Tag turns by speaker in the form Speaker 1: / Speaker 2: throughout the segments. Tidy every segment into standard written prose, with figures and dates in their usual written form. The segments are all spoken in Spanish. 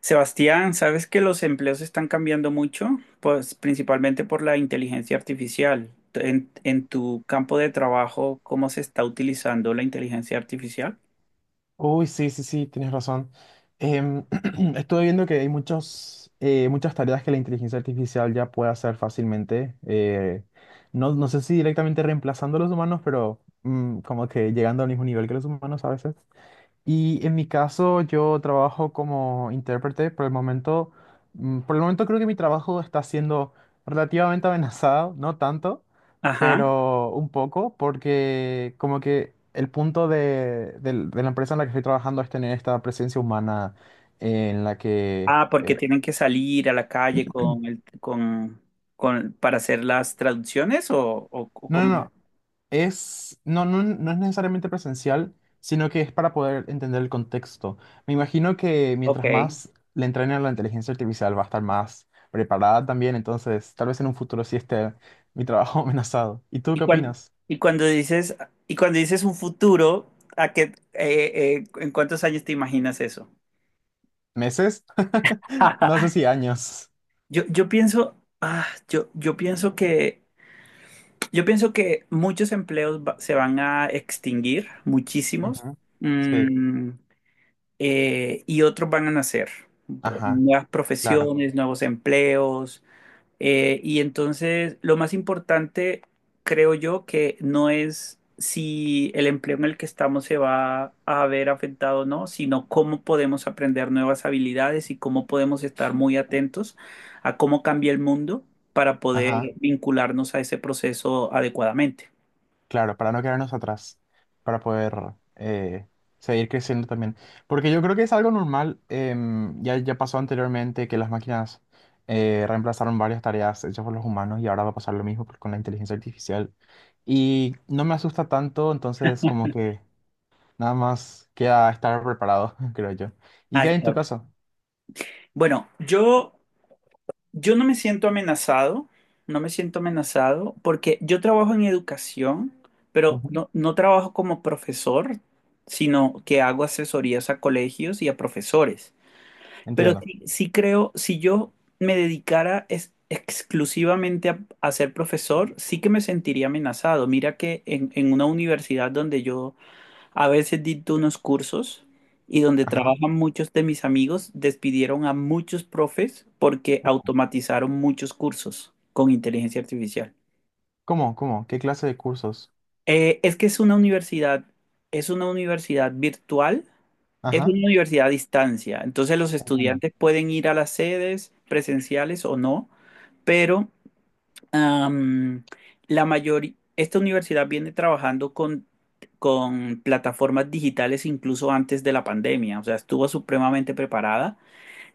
Speaker 1: Sebastián, ¿sabes que los empleos están cambiando mucho? Pues principalmente por la inteligencia artificial. En tu campo de trabajo, ¿cómo se está utilizando la inteligencia artificial?
Speaker 2: Uy, sí, sí, sí, tienes razón. Em, estuve viendo que hay muchos, muchas tareas que la inteligencia artificial ya puede hacer fácilmente. No sé si directamente reemplazando a los humanos, pero como que llegando al mismo nivel que los humanos a veces. Y en mi caso, yo trabajo como intérprete. Por el momento creo que mi trabajo está siendo relativamente amenazado, no tanto,
Speaker 1: Ajá.
Speaker 2: pero un poco, porque como que el punto de la empresa en la que estoy trabajando es tener esta presencia humana en la que...
Speaker 1: Ah, ¿porque
Speaker 2: eh,
Speaker 1: tienen que salir a la calle con, para hacer las traducciones o
Speaker 2: no, no,
Speaker 1: cómo?
Speaker 2: no. No, no, no es necesariamente presencial, sino que es para poder entender el contexto. Me imagino que
Speaker 1: Ok.
Speaker 2: mientras más le entrenen a la inteligencia artificial va a estar más preparada también, entonces tal vez en un futuro sí esté mi trabajo amenazado. ¿Y tú
Speaker 1: Y
Speaker 2: qué
Speaker 1: cuando,
Speaker 2: opinas?
Speaker 1: y cuando dices, y cuando dices un futuro, ¿a qué, en cuántos años te imaginas eso?
Speaker 2: ¿Meses? No sé si años.
Speaker 1: Yo pienso, ah, yo, yo pienso que muchos empleos se van a extinguir, muchísimos,
Speaker 2: Ujú. Sí,
Speaker 1: mm, y otros van a nacer.
Speaker 2: ajá,
Speaker 1: Nuevas
Speaker 2: claro,
Speaker 1: profesiones, nuevos empleos, y entonces, lo más importante, creo yo, que no es si el empleo en el que estamos se va a ver afectado o no, sino cómo podemos aprender nuevas habilidades y cómo podemos estar muy atentos a cómo cambia el mundo para poder
Speaker 2: ajá.
Speaker 1: vincularnos a ese proceso adecuadamente.
Speaker 2: Claro, para no quedarnos atrás, para poder eh, seguir creciendo también. Porque yo creo que es algo normal, ya pasó anteriormente que las máquinas reemplazaron varias tareas hechas por los humanos y ahora va a pasar lo mismo con la inteligencia artificial. Y no me asusta tanto, entonces como que nada más queda estar preparado, creo yo. ¿Y
Speaker 1: Ah,
Speaker 2: qué hay en tu
Speaker 1: está.
Speaker 2: caso?
Speaker 1: Bueno, yo Yo no me siento amenazado, no me siento amenazado porque yo trabajo en educación, pero
Speaker 2: Ujú.
Speaker 1: no, no trabajo como profesor, sino que hago asesorías a colegios y a profesores. Pero
Speaker 2: Entiendo.
Speaker 1: sí, sí creo, si yo me dedicara exclusivamente a ser profesor, sí que me sentiría amenazado. Mira que en una universidad donde yo a veces di unos cursos y donde
Speaker 2: Ajá.
Speaker 1: trabajan muchos de mis amigos, despidieron a muchos profes porque automatizaron muchos cursos con inteligencia artificial.
Speaker 2: ¿Cómo? ¿Cómo? ¿Qué clase de cursos?
Speaker 1: Es que es una universidad virtual, es
Speaker 2: Ajá,
Speaker 1: una universidad a distancia. Entonces los
Speaker 2: entiendo.
Speaker 1: estudiantes pueden ir a las sedes presenciales o no, pero Am, la mayoría, esta universidad viene trabajando con plataformas digitales incluso antes de la pandemia, o sea, estuvo supremamente preparada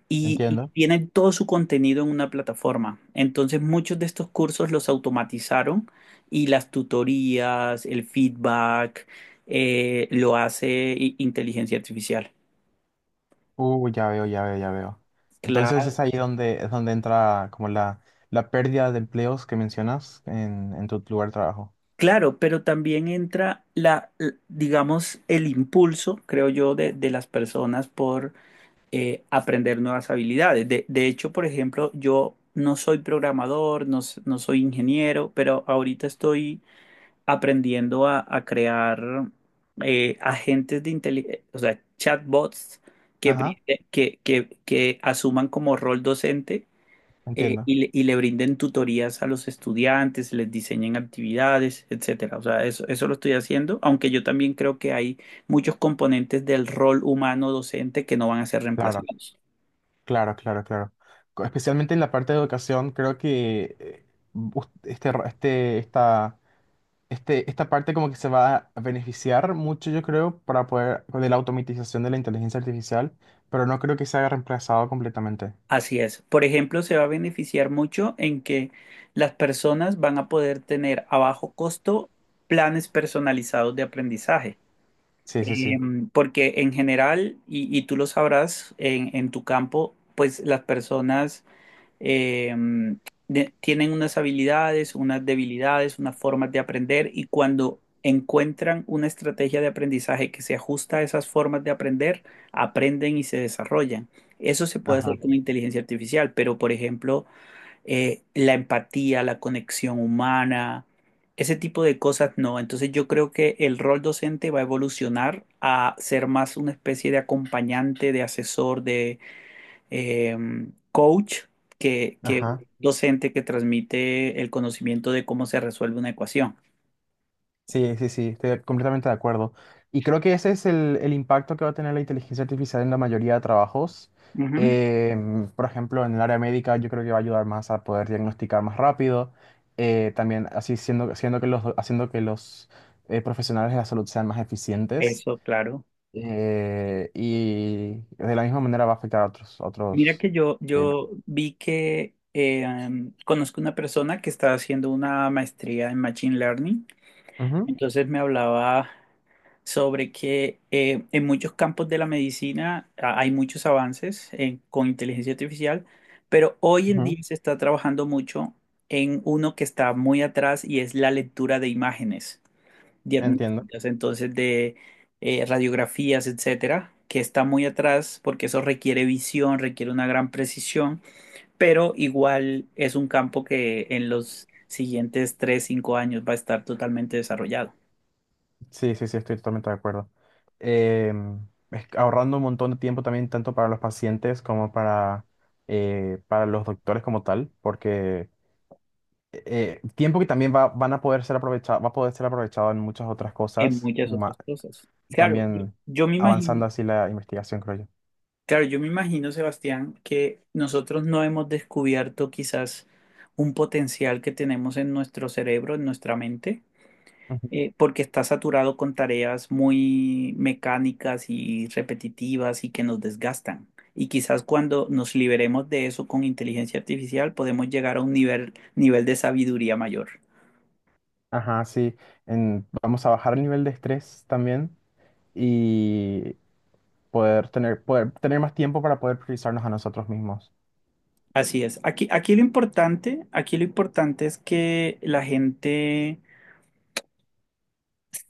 Speaker 1: y
Speaker 2: Entiendo.
Speaker 1: tienen todo su contenido en una plataforma. Entonces, muchos de estos cursos los automatizaron y las tutorías, el feedback, lo hace inteligencia artificial.
Speaker 2: Ya veo, ya veo, ya veo. Entonces es
Speaker 1: Claro,
Speaker 2: ahí donde es donde entra como la pérdida de empleos que mencionas en tu lugar de trabajo.
Speaker 1: claro, pero también entra digamos, el impulso, creo yo, de las personas por aprender nuevas habilidades. De hecho, por ejemplo, yo no soy programador, no, no soy ingeniero, pero ahorita estoy aprendiendo a crear agentes de inteligencia, o sea, chatbots que,
Speaker 2: Ajá,
Speaker 1: brinde- que asuman como rol docente. eh,
Speaker 2: entiendo.
Speaker 1: y, le, y le brinden tutorías a los estudiantes, les diseñen actividades, etcétera. O sea, eso lo estoy haciendo, aunque yo también creo que hay muchos componentes del rol humano docente que no van a ser
Speaker 2: Claro,
Speaker 1: reemplazados.
Speaker 2: claro, claro, claro. Especialmente en la parte de educación, creo que us- este, ro- este, esta, esta parte como que se va a beneficiar mucho, yo creo, para poder, de la automatización de la inteligencia artificial, pero no creo que se haya reemplazado completamente.
Speaker 1: Así es. Por ejemplo, se va a beneficiar mucho en que las personas van a poder tener a bajo costo planes personalizados de aprendizaje.
Speaker 2: Sí, sí, sí.
Speaker 1: Em, porque en general, y tú lo sabrás, en tu campo, pues las personas eh, tienen unas habilidades, unas debilidades, unas formas de aprender y cuando encuentran una estrategia de aprendizaje que se ajusta a esas formas de aprender, aprenden y se desarrollan. Eso se puede
Speaker 2: Ajá.
Speaker 1: hacer con inteligencia artificial, pero por ejemplo, la empatía, la conexión humana, ese tipo de cosas no. Entonces yo creo que el rol docente va a evolucionar a ser más una especie de acompañante, de asesor, de eh, coach, que,
Speaker 2: Ajá.
Speaker 1: que docente que transmite el conocimiento de cómo se resuelve una ecuación.
Speaker 2: Sí, sí, sí, estoy completamente de acuerdo. Y creo que ese es el impacto que va a tener la inteligencia artificial en la mayoría de trabajos.
Speaker 1: Ujú.
Speaker 2: Por ejemplo, en el área médica yo creo que va a ayudar más a poder diagnosticar más rápido. También así siendo, haciendo que los profesionales de la salud sean más eficientes.
Speaker 1: Eso, claro.
Speaker 2: Y de la misma manera va a afectar a otros, a
Speaker 1: Mira
Speaker 2: otros.
Speaker 1: que yo,
Speaker 2: eh,
Speaker 1: yo vi que conozco una persona que está haciendo una maestría en Machine Learning,
Speaker 2: ujú,
Speaker 1: entonces me hablaba sobre que en muchos campos de la medicina hay muchos avances con inteligencia artificial, pero hoy en
Speaker 2: ujú,
Speaker 1: día se está trabajando mucho en uno que está muy atrás y es la lectura de imágenes
Speaker 2: entiendo.
Speaker 1: diagnósticas, entonces de radiografías, etcétera, que está muy atrás porque eso requiere visión, requiere una gran precisión, pero igual es un campo que en los siguientes 3, 5 años va a estar totalmente desarrollado.
Speaker 2: Sí, sí, sí, estoy totalmente de acuerdo. Es que ahorrando un montón de tiempo también, tanto para los pacientes como para los doctores como tal, porque tiempo que van a poder ser aprovechado, va a poder ser aprovechado en muchas otras
Speaker 1: En
Speaker 2: cosas,
Speaker 1: muchas otras cosas. Claro, yo
Speaker 2: también
Speaker 1: yo me
Speaker 2: avanzando
Speaker 1: imagino,
Speaker 2: así la investigación, creo yo.
Speaker 1: claro, yo me imagino, Sebastián, que nosotros no hemos descubierto quizás un potencial que tenemos en nuestro cerebro, en nuestra mente,
Speaker 2: Ujú.
Speaker 1: porque está saturado con tareas muy mecánicas y repetitivas y que nos desgastan. Y quizás cuando nos liberemos de eso con inteligencia artificial, podemos llegar a un nivel de sabiduría mayor.
Speaker 2: Ajá, sí. Vamos a bajar el nivel de estrés también y poder tener más tiempo para poder priorizarnos a nosotros mismos.
Speaker 1: Así es. Aquí lo importante es que la gente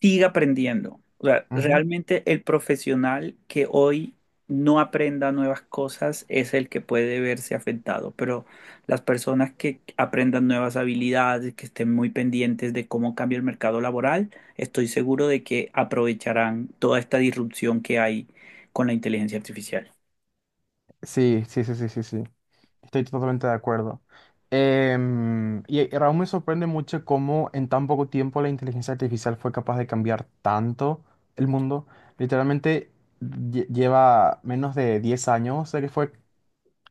Speaker 1: siga aprendiendo. O sea, realmente el profesional que hoy no aprenda nuevas cosas es el que puede verse afectado, pero las personas que aprendan nuevas habilidades, que estén muy pendientes de cómo cambia el mercado laboral, estoy seguro de que aprovecharán toda esta disrupción que hay con la inteligencia artificial.
Speaker 2: Sí, sí, sí, sí, sí, sí. Estoy totalmente de acuerdo. Y Raúl, me sorprende mucho cómo en tan poco tiempo la inteligencia artificial fue capaz de cambiar tanto el mundo. Literalmente lleva menos de 10 años de que fue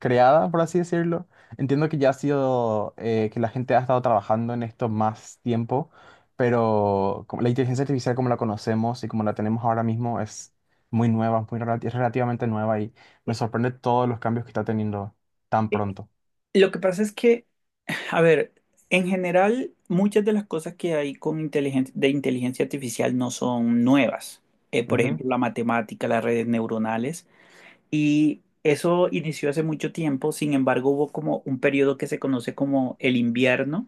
Speaker 2: creada, por así decirlo. Entiendo que ya ha sido, que la gente ha estado trabajando en esto más tiempo, pero la inteligencia artificial como la conocemos y como la tenemos ahora mismo es muy nueva, muy, relati es relativamente nueva y me sorprende todos los cambios que está teniendo tan pronto.
Speaker 1: Lo que pasa es que, a ver, en general, muchas de las cosas que hay con inteligen- de inteligencia artificial no son nuevas. Por
Speaker 2: Ujú,
Speaker 1: ejemplo, la matemática, las redes neuronales. Y eso inició hace mucho tiempo, sin embargo, hubo como un periodo que se conoce como el invierno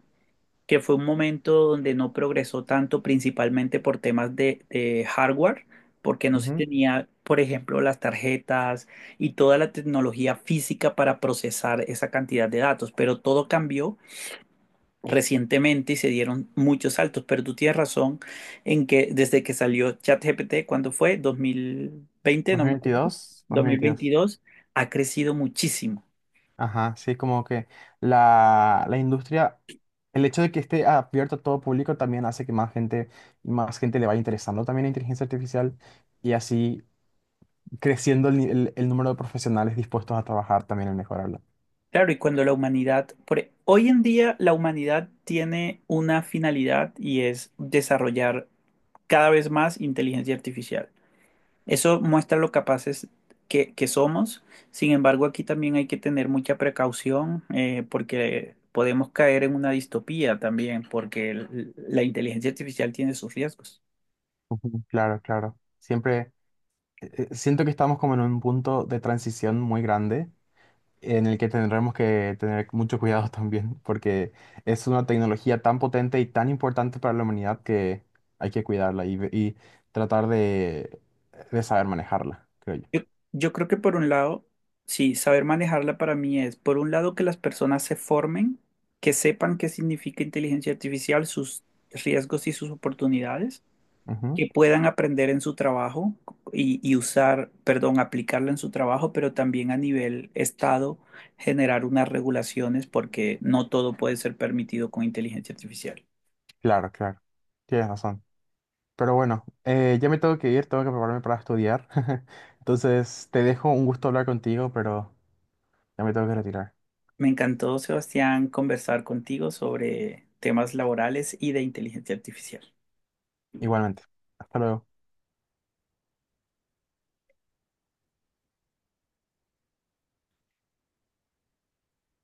Speaker 1: que fue un momento donde no progresó tanto, principalmente por temas de hardware, porque no se
Speaker 2: ujú.
Speaker 1: tenía, por ejemplo, las tarjetas y toda la tecnología física para procesar esa cantidad de datos, pero todo cambió recientemente y se dieron muchos saltos, pero tú tienes razón en que desde que salió ChatGPT, ¿cuándo fue? ¿2020? No me acuerdo.
Speaker 2: 2022, 2022.
Speaker 1: ¿2022? Ha crecido muchísimo.
Speaker 2: Ajá, sí, como que la industria, el hecho de que esté abierto a todo público también hace que más gente le vaya interesando también la inteligencia artificial y así creciendo el, el número de profesionales dispuestos a trabajar también en mejorarla.
Speaker 1: Claro, y cuando la humanidad, hoy en día la humanidad tiene una finalidad y es desarrollar cada vez más inteligencia artificial. Eso muestra lo capaces que somos. Sin embargo, aquí también hay que tener mucha precaución, porque podemos caer en una distopía también, porque la inteligencia artificial tiene sus riesgos.
Speaker 2: Ujú. Claro, claro. Siempre siento que estamos como en un punto de transición muy grande en el que tendremos que tener mucho cuidado también, porque es una tecnología tan potente y tan importante para la humanidad que hay que cuidarla y tratar de saber manejarla, creo yo.
Speaker 1: Yo, yo creo que por un lado, sí, saber manejarla para mí es, por un lado, que las personas se formen, que sepan qué significa inteligencia artificial, sus riesgos y sus oportunidades,
Speaker 2: Ujú.
Speaker 1: que puedan aprender en su trabajo y usar, perdón, aplicarla en su trabajo, pero también a nivel estado generar unas regulaciones porque no todo puede ser permitido con inteligencia artificial.
Speaker 2: Claro, claro. Tienes razón. Pero bueno, ya me tengo que ir, tengo que prepararme para estudiar. Entonces, te dejo, un gusto hablar contigo, pero ya me tengo que retirar.
Speaker 1: Me encantó, Sebastián, conversar contigo sobre temas laborales y de inteligencia artificial.
Speaker 2: Igualmente. Hasta luego.